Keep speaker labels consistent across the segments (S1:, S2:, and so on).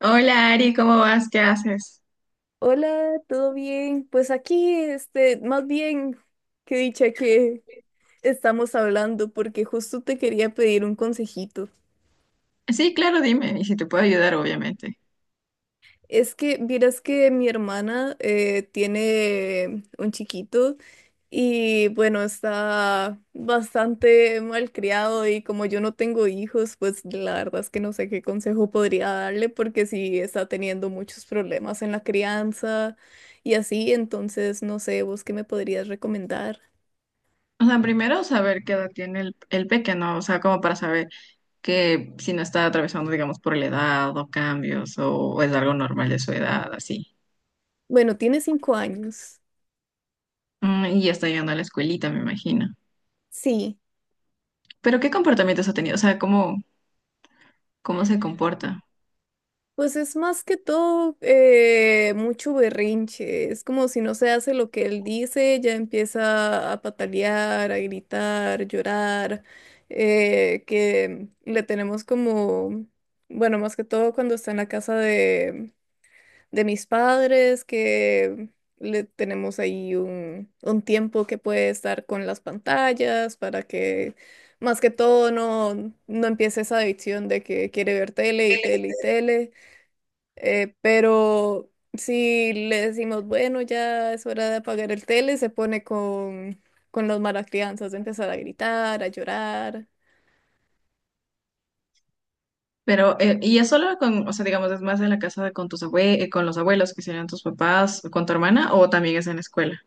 S1: Hola, Ari, ¿cómo vas? ¿Qué haces?
S2: Hola, ¿todo bien? Pues aquí, más bien, qué dicha que estamos hablando, porque justo te quería pedir un consejito.
S1: Sí, claro, dime, y si te puedo ayudar, obviamente.
S2: Es que, vieras que mi hermana tiene un chiquito y bueno, está bastante malcriado y como yo no tengo hijos, pues la verdad es que no sé qué consejo podría darle porque sí está teniendo muchos problemas en la crianza y así, entonces no sé, ¿vos qué me podrías recomendar?
S1: O sea, primero saber qué edad tiene el pequeño, o sea, como para saber que si no está atravesando, digamos, por la edad o cambios o es algo normal de su edad, así.
S2: Bueno, tiene 5 años.
S1: Mm, y ya está llegando a la escuelita, me imagino.
S2: Sí,
S1: Pero ¿qué comportamientos ha tenido? O sea, ¿cómo se comporta?
S2: pues es más que todo mucho berrinche. Es como si no se hace lo que él dice, ya empieza a patalear, a gritar, llorar. Que le tenemos como, bueno, más que todo cuando está en la casa de mis padres, que le tenemos ahí un tiempo que puede estar con las pantallas para que más que todo no empiece esa adicción de que quiere ver tele y tele y tele. Pero si le decimos, bueno, ya es hora de apagar el tele, se pone con los malacrianzas de empezar a gritar, a llorar.
S1: Pero, y es solo con, o sea, digamos, es más en la casa de, con tus con los abuelos, que serían tus papás, o con tu hermana, o también es en la escuela.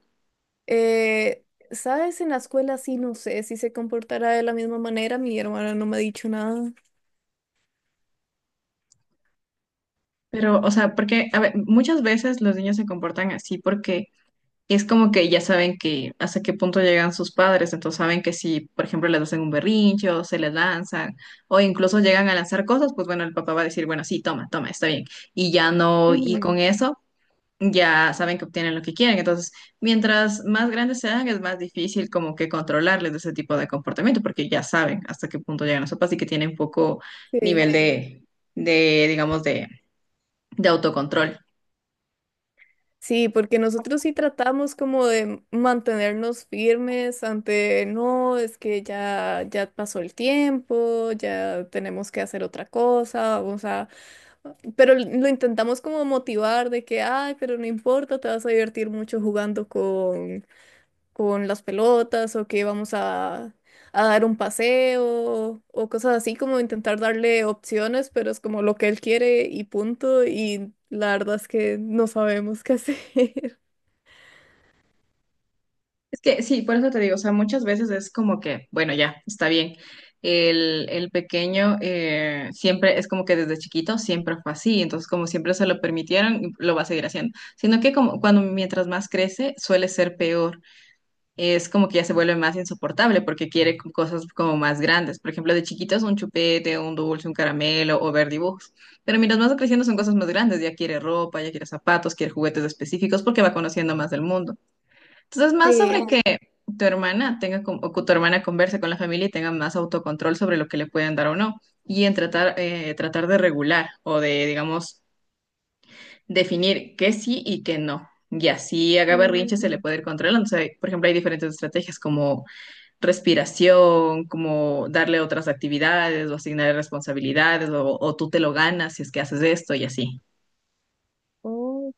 S2: Eh, ¿Sabes? En la escuela sí, no sé si se comportará de la misma manera. Mi hermana no me ha dicho nada.
S1: Pero, o sea, porque, a ver, muchas veces los niños se comportan así porque es como que ya saben que hasta qué punto llegan sus padres, entonces saben que si, por ejemplo, les hacen un berrinche o se les lanzan, o incluso llegan a lanzar cosas, pues bueno, el papá va a decir, bueno, sí, toma, toma, está bien. Y ya no, y
S2: Ujú.
S1: con eso. Ya saben que obtienen lo que quieren. Entonces, mientras más grandes sean, es más difícil como que controlarles de ese tipo de comportamiento, porque ya saben hasta qué punto llegan las sopas y que tienen poco
S2: Sí,
S1: nivel de digamos, de autocontrol.
S2: sí, porque nosotros sí tratamos como de mantenernos firmes ante, no, es que ya pasó el tiempo, ya tenemos que hacer otra cosa, pero lo intentamos como motivar de que, ay, pero no importa, te vas a divertir mucho jugando con las pelotas o que a dar un paseo o cosas así, como intentar darle opciones, pero es como lo que él quiere y punto, y la verdad es que no sabemos qué hacer.
S1: Es que sí, por eso te digo, o sea, muchas veces es como que, bueno, ya, está bien. El pequeño, siempre es como que desde chiquito siempre fue así, entonces como siempre se lo permitieron, lo va a seguir haciendo, sino que como cuando mientras más crece suele ser peor, es como que ya se vuelve más insoportable porque quiere cosas como más grandes. Por ejemplo, de chiquitos un chupete, un dulce, un caramelo o ver dibujos. Pero mientras más va creciendo son cosas más grandes. Ya quiere ropa, ya quiere zapatos, quiere juguetes específicos porque va conociendo más del mundo. Entonces, más sobre
S2: Sí.
S1: que tu hermana tenga o que tu hermana converse con la familia y tenga más autocontrol sobre lo que le pueden dar o no. Y en tratar, tratar de regular o de, digamos, definir qué sí y qué no. Y así haga berrinche se
S2: Ujú.
S1: le puede ir controlando. O sea, por ejemplo, hay diferentes estrategias como respiración, como darle otras actividades o asignar responsabilidades o tú te lo ganas si es que haces esto y así.
S2: Ok,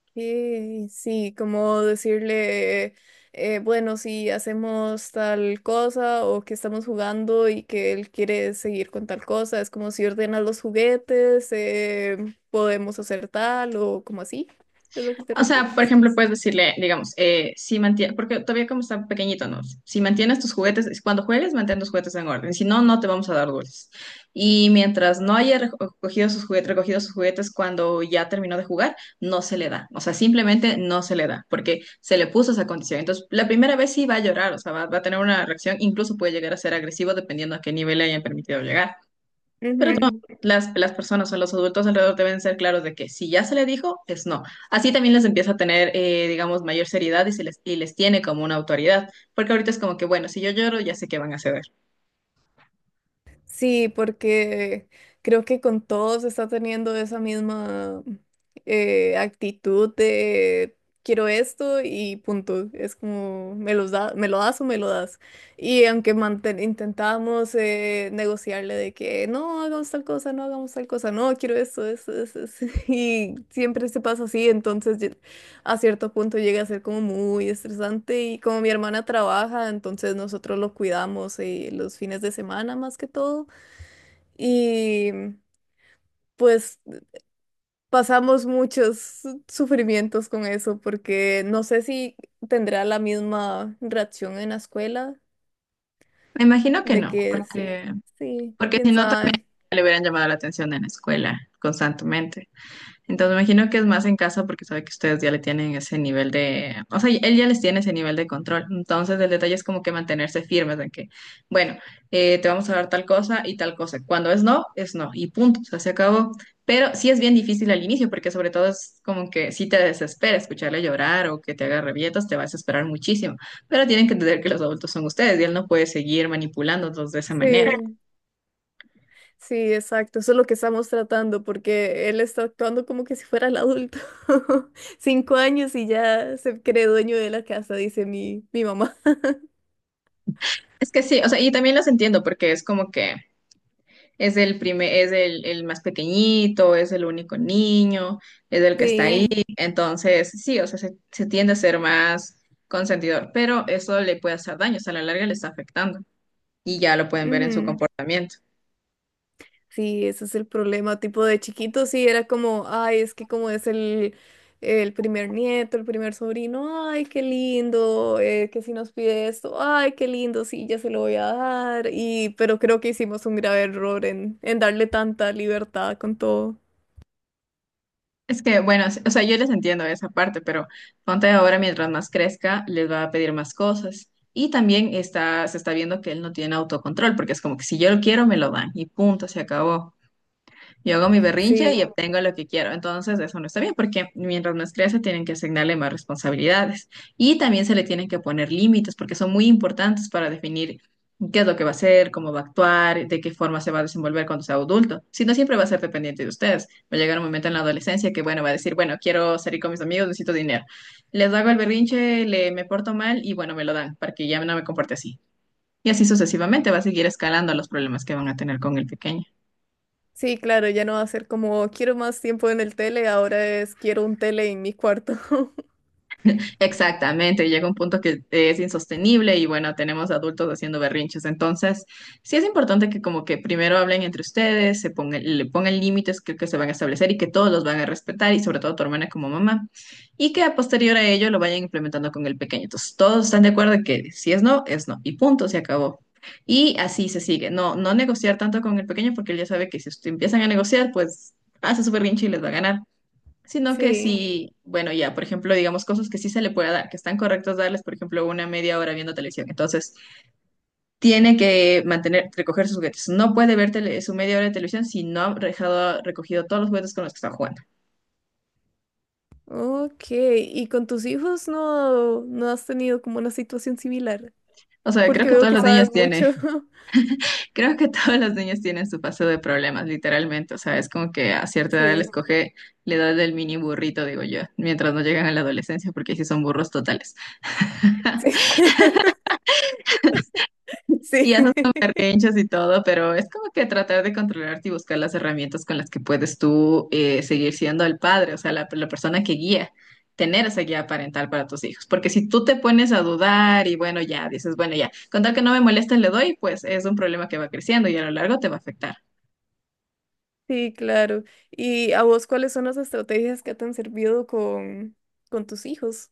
S2: sí, como decirle, bueno, si hacemos tal cosa o que estamos jugando y que él quiere seguir con tal cosa, es como si ordenas los juguetes, podemos hacer tal o como así, es lo que te
S1: O sea, por
S2: refieres.
S1: ejemplo, puedes decirle, digamos, si mantienes, porque todavía como está pequeñito, ¿no? Si mantienes tus juguetes, cuando juegues, mantén tus juguetes en orden, si no, no te vamos a dar dulces. Y mientras no haya recogido sus juguetes cuando ya terminó de jugar, no se le da. O sea, simplemente no se le da, porque se le puso esa condición. Entonces, la primera vez sí va a llorar, o sea, va a tener una reacción, incluso puede llegar a ser agresivo dependiendo a qué nivel le hayan permitido llegar las personas o los adultos alrededor deben ser claros de que si ya se le dijo, es no. Así también les empieza a tener, digamos, mayor seriedad y, y les tiene como una autoridad, porque ahorita es como que, bueno, si yo lloro, ya sé que van a ceder.
S2: Sí, porque creo que con todos está teniendo esa misma actitud de quiero esto y punto. Es como me los da, me lo das o me lo das. Y aunque intentábamos negociarle de que no hagamos tal cosa, no hagamos tal cosa, no quiero esto, esto, esto, esto", Y siempre se pasa así, a cierto punto llega a ser como muy estresante. Y como mi hermana trabaja, entonces nosotros lo cuidamos los fines de semana más que todo. Y pues pasamos muchos sufrimientos con eso, porque no sé si tendrá la misma reacción en la escuela,
S1: Me imagino que
S2: de
S1: no,
S2: que sí,
S1: porque,
S2: sí,
S1: porque si
S2: quién
S1: no, también
S2: sabe.
S1: le hubieran llamado la atención en la escuela constantemente. Entonces, me imagino que es más en casa porque sabe que ustedes ya le tienen ese nivel de, o sea, él ya les tiene ese nivel de control. Entonces, el detalle es como que mantenerse firmes en que, bueno, te vamos a dar tal cosa y tal cosa. Cuando es no y punto, o sea, se acabó. Pero sí es bien difícil al inicio porque sobre todo es como que si te desespera escucharle llorar o que te haga rabietas, te va a desesperar muchísimo. Pero tienen que entender que los adultos son ustedes y él no puede seguir manipulándolos de esa manera.
S2: Sí, sí, exacto, eso es lo que estamos tratando, porque él está actuando como que si fuera el adulto. 5 años y ya se cree dueño de la casa, dice mi mamá.
S1: Es que sí, o sea, y también los entiendo porque es como que... Es el primer, es el más pequeñito, es el único niño, es el que está ahí.
S2: Sí.
S1: Entonces, sí, o sea, se tiende a ser más consentidor, pero eso le puede hacer daño, o sea, a la larga le está afectando y ya lo pueden ver en su
S2: Ujú.
S1: comportamiento.
S2: Sí, ese es el problema. Tipo de chiquito, sí, era como, ay, es que como es el primer nieto, el primer sobrino, ay, qué lindo, que si nos pide esto, ay, qué lindo, sí, ya se lo voy a dar. Y, pero creo que hicimos un grave error en darle tanta libertad con todo.
S1: Es que, bueno, o sea, yo les entiendo esa parte, pero ponte ahora, mientras más crezca, les va a pedir más cosas. Y también está, se está viendo que él no tiene autocontrol, porque es como que si yo lo quiero, me lo dan y punto, se acabó. Yo hago mi berrinche
S2: Sí,
S1: y obtengo lo que quiero. Entonces, eso no está bien porque mientras más crece, tienen que asignarle más responsabilidades y también se le tienen que poner límites porque son muy importantes para definir qué es lo que va a hacer, cómo va a actuar, de qué forma se va a desenvolver cuando sea adulto. Si no, siempre va a ser dependiente de ustedes. Va a llegar un momento en la adolescencia que, bueno, va a decir, bueno, quiero salir con mis amigos, necesito dinero. Les hago el berrinche, me porto mal y, bueno, me lo dan para que ya no me comporte así. Y así sucesivamente va a seguir escalando los problemas que van a tener con el pequeño.
S2: sí, claro, ya no va a ser como, quiero más tiempo en el tele, ahora es, quiero un tele en mi cuarto.
S1: Exactamente, llega un punto que es insostenible y bueno, tenemos adultos haciendo berrinches. Entonces, sí es importante que como que primero hablen entre ustedes, se pongan, le pongan límites que se van a establecer y que todos los van a respetar y sobre todo tu hermana como mamá y que a posterior a ello lo vayan implementando con el pequeño. Entonces, todos están de acuerdo en que si es no, es no y punto, se acabó. Y así se sigue. No negociar tanto con el pequeño porque él ya sabe que si empiezan a negociar, pues hace su berrinche y les va a ganar. Sino que
S2: Sí.
S1: sí, bueno, ya, por ejemplo, digamos cosas que sí se le puede dar, que están correctos darles, por ejemplo, una media hora viendo televisión. Entonces, tiene que mantener, recoger sus juguetes. No puede ver su media hora de televisión si no ha dejado, recogido todos los juguetes con los que está jugando.
S2: Ok, ¿y con tus hijos no has tenido como una situación similar?
S1: O sea, creo
S2: Porque
S1: que
S2: veo
S1: todos
S2: que
S1: los niños
S2: sabes mucho.
S1: tienen, creo que todos los niños tienen su paso de problemas, literalmente. O sea, es como que a cierta edad les
S2: Sí,
S1: coge la edad del mini burrito, digo yo, mientras no llegan a la adolescencia, porque sí son burros totales.
S2: sí,
S1: Y
S2: sí,
S1: haces tus berrinches y todo, pero es como que tratar de controlarte y buscar las herramientas con las que puedes tú, seguir siendo el padre, o sea, la persona que guía, tener esa guía parental para tus hijos. Porque si tú te pones a dudar y bueno, ya dices, bueno, ya, con tal que no me moleste le doy, pues es un problema que va creciendo y a lo largo te va a afectar.
S2: sí, claro. ¿Y a vos cuáles son las estrategias que te han servido con tus hijos?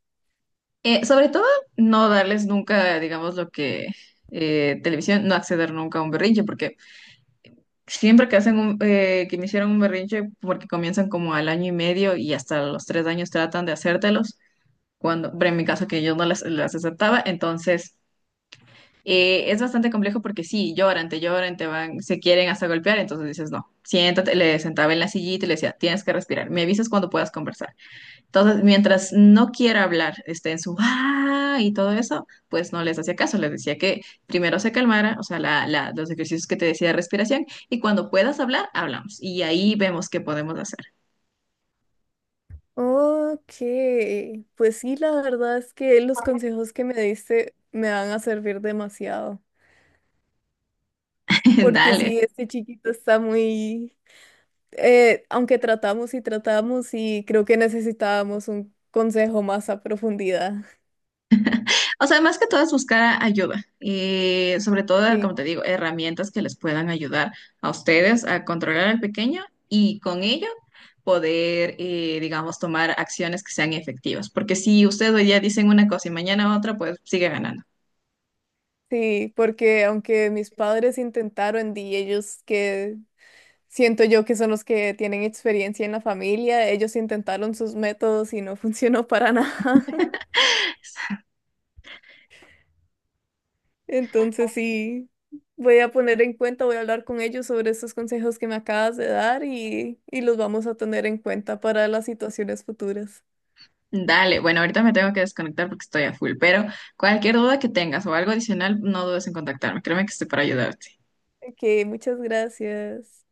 S1: Sobre todo, no darles nunca, digamos, lo que televisión, no acceder nunca a un berrinche, porque siempre que hacen un, que me hicieron un berrinche, porque comienzan como al año y medio y hasta los 3 años tratan de hacértelos, cuando, pero en mi caso que yo no las aceptaba, entonces es bastante complejo porque sí, lloran, te van, se quieren hasta golpear, entonces dices no, siéntate, le sentaba en la sillita y le decía, tienes que respirar, me avisas cuando puedas conversar. Entonces, mientras no quiera hablar, esté en su ¡ah! Y todo eso, pues no les hacía caso. Les decía que primero se calmara, o sea, los ejercicios que te decía de respiración, y cuando puedas hablar, hablamos. Y ahí vemos qué podemos hacer.
S2: Ok, pues sí, la verdad es que los consejos que me diste me van a servir demasiado, porque
S1: Dale.
S2: sí, este chiquito está muy, aunque tratamos y tratamos y creo que necesitábamos un consejo más a profundidad.
S1: O sea, más que todo es buscar ayuda. Y sobre todo, como
S2: Sí.
S1: te digo, herramientas que les puedan ayudar a ustedes a controlar al pequeño y con ello poder, digamos, tomar acciones que sean efectivas. Porque si ustedes hoy día dicen una cosa y mañana otra, pues sigue ganando.
S2: Sí, porque aunque mis padres intentaron y ellos que siento yo que son los que tienen experiencia en la familia, ellos intentaron sus métodos y no funcionó para nada. Entonces sí, voy a poner en cuenta, voy a hablar con ellos sobre estos consejos que me acabas de dar y los vamos a tener en cuenta para las situaciones futuras.
S1: Dale, bueno, ahorita me tengo que desconectar porque estoy a full, pero cualquier duda que tengas o algo adicional, no dudes en contactarme. Créeme que estoy para ayudarte.
S2: Ok, muchas gracias.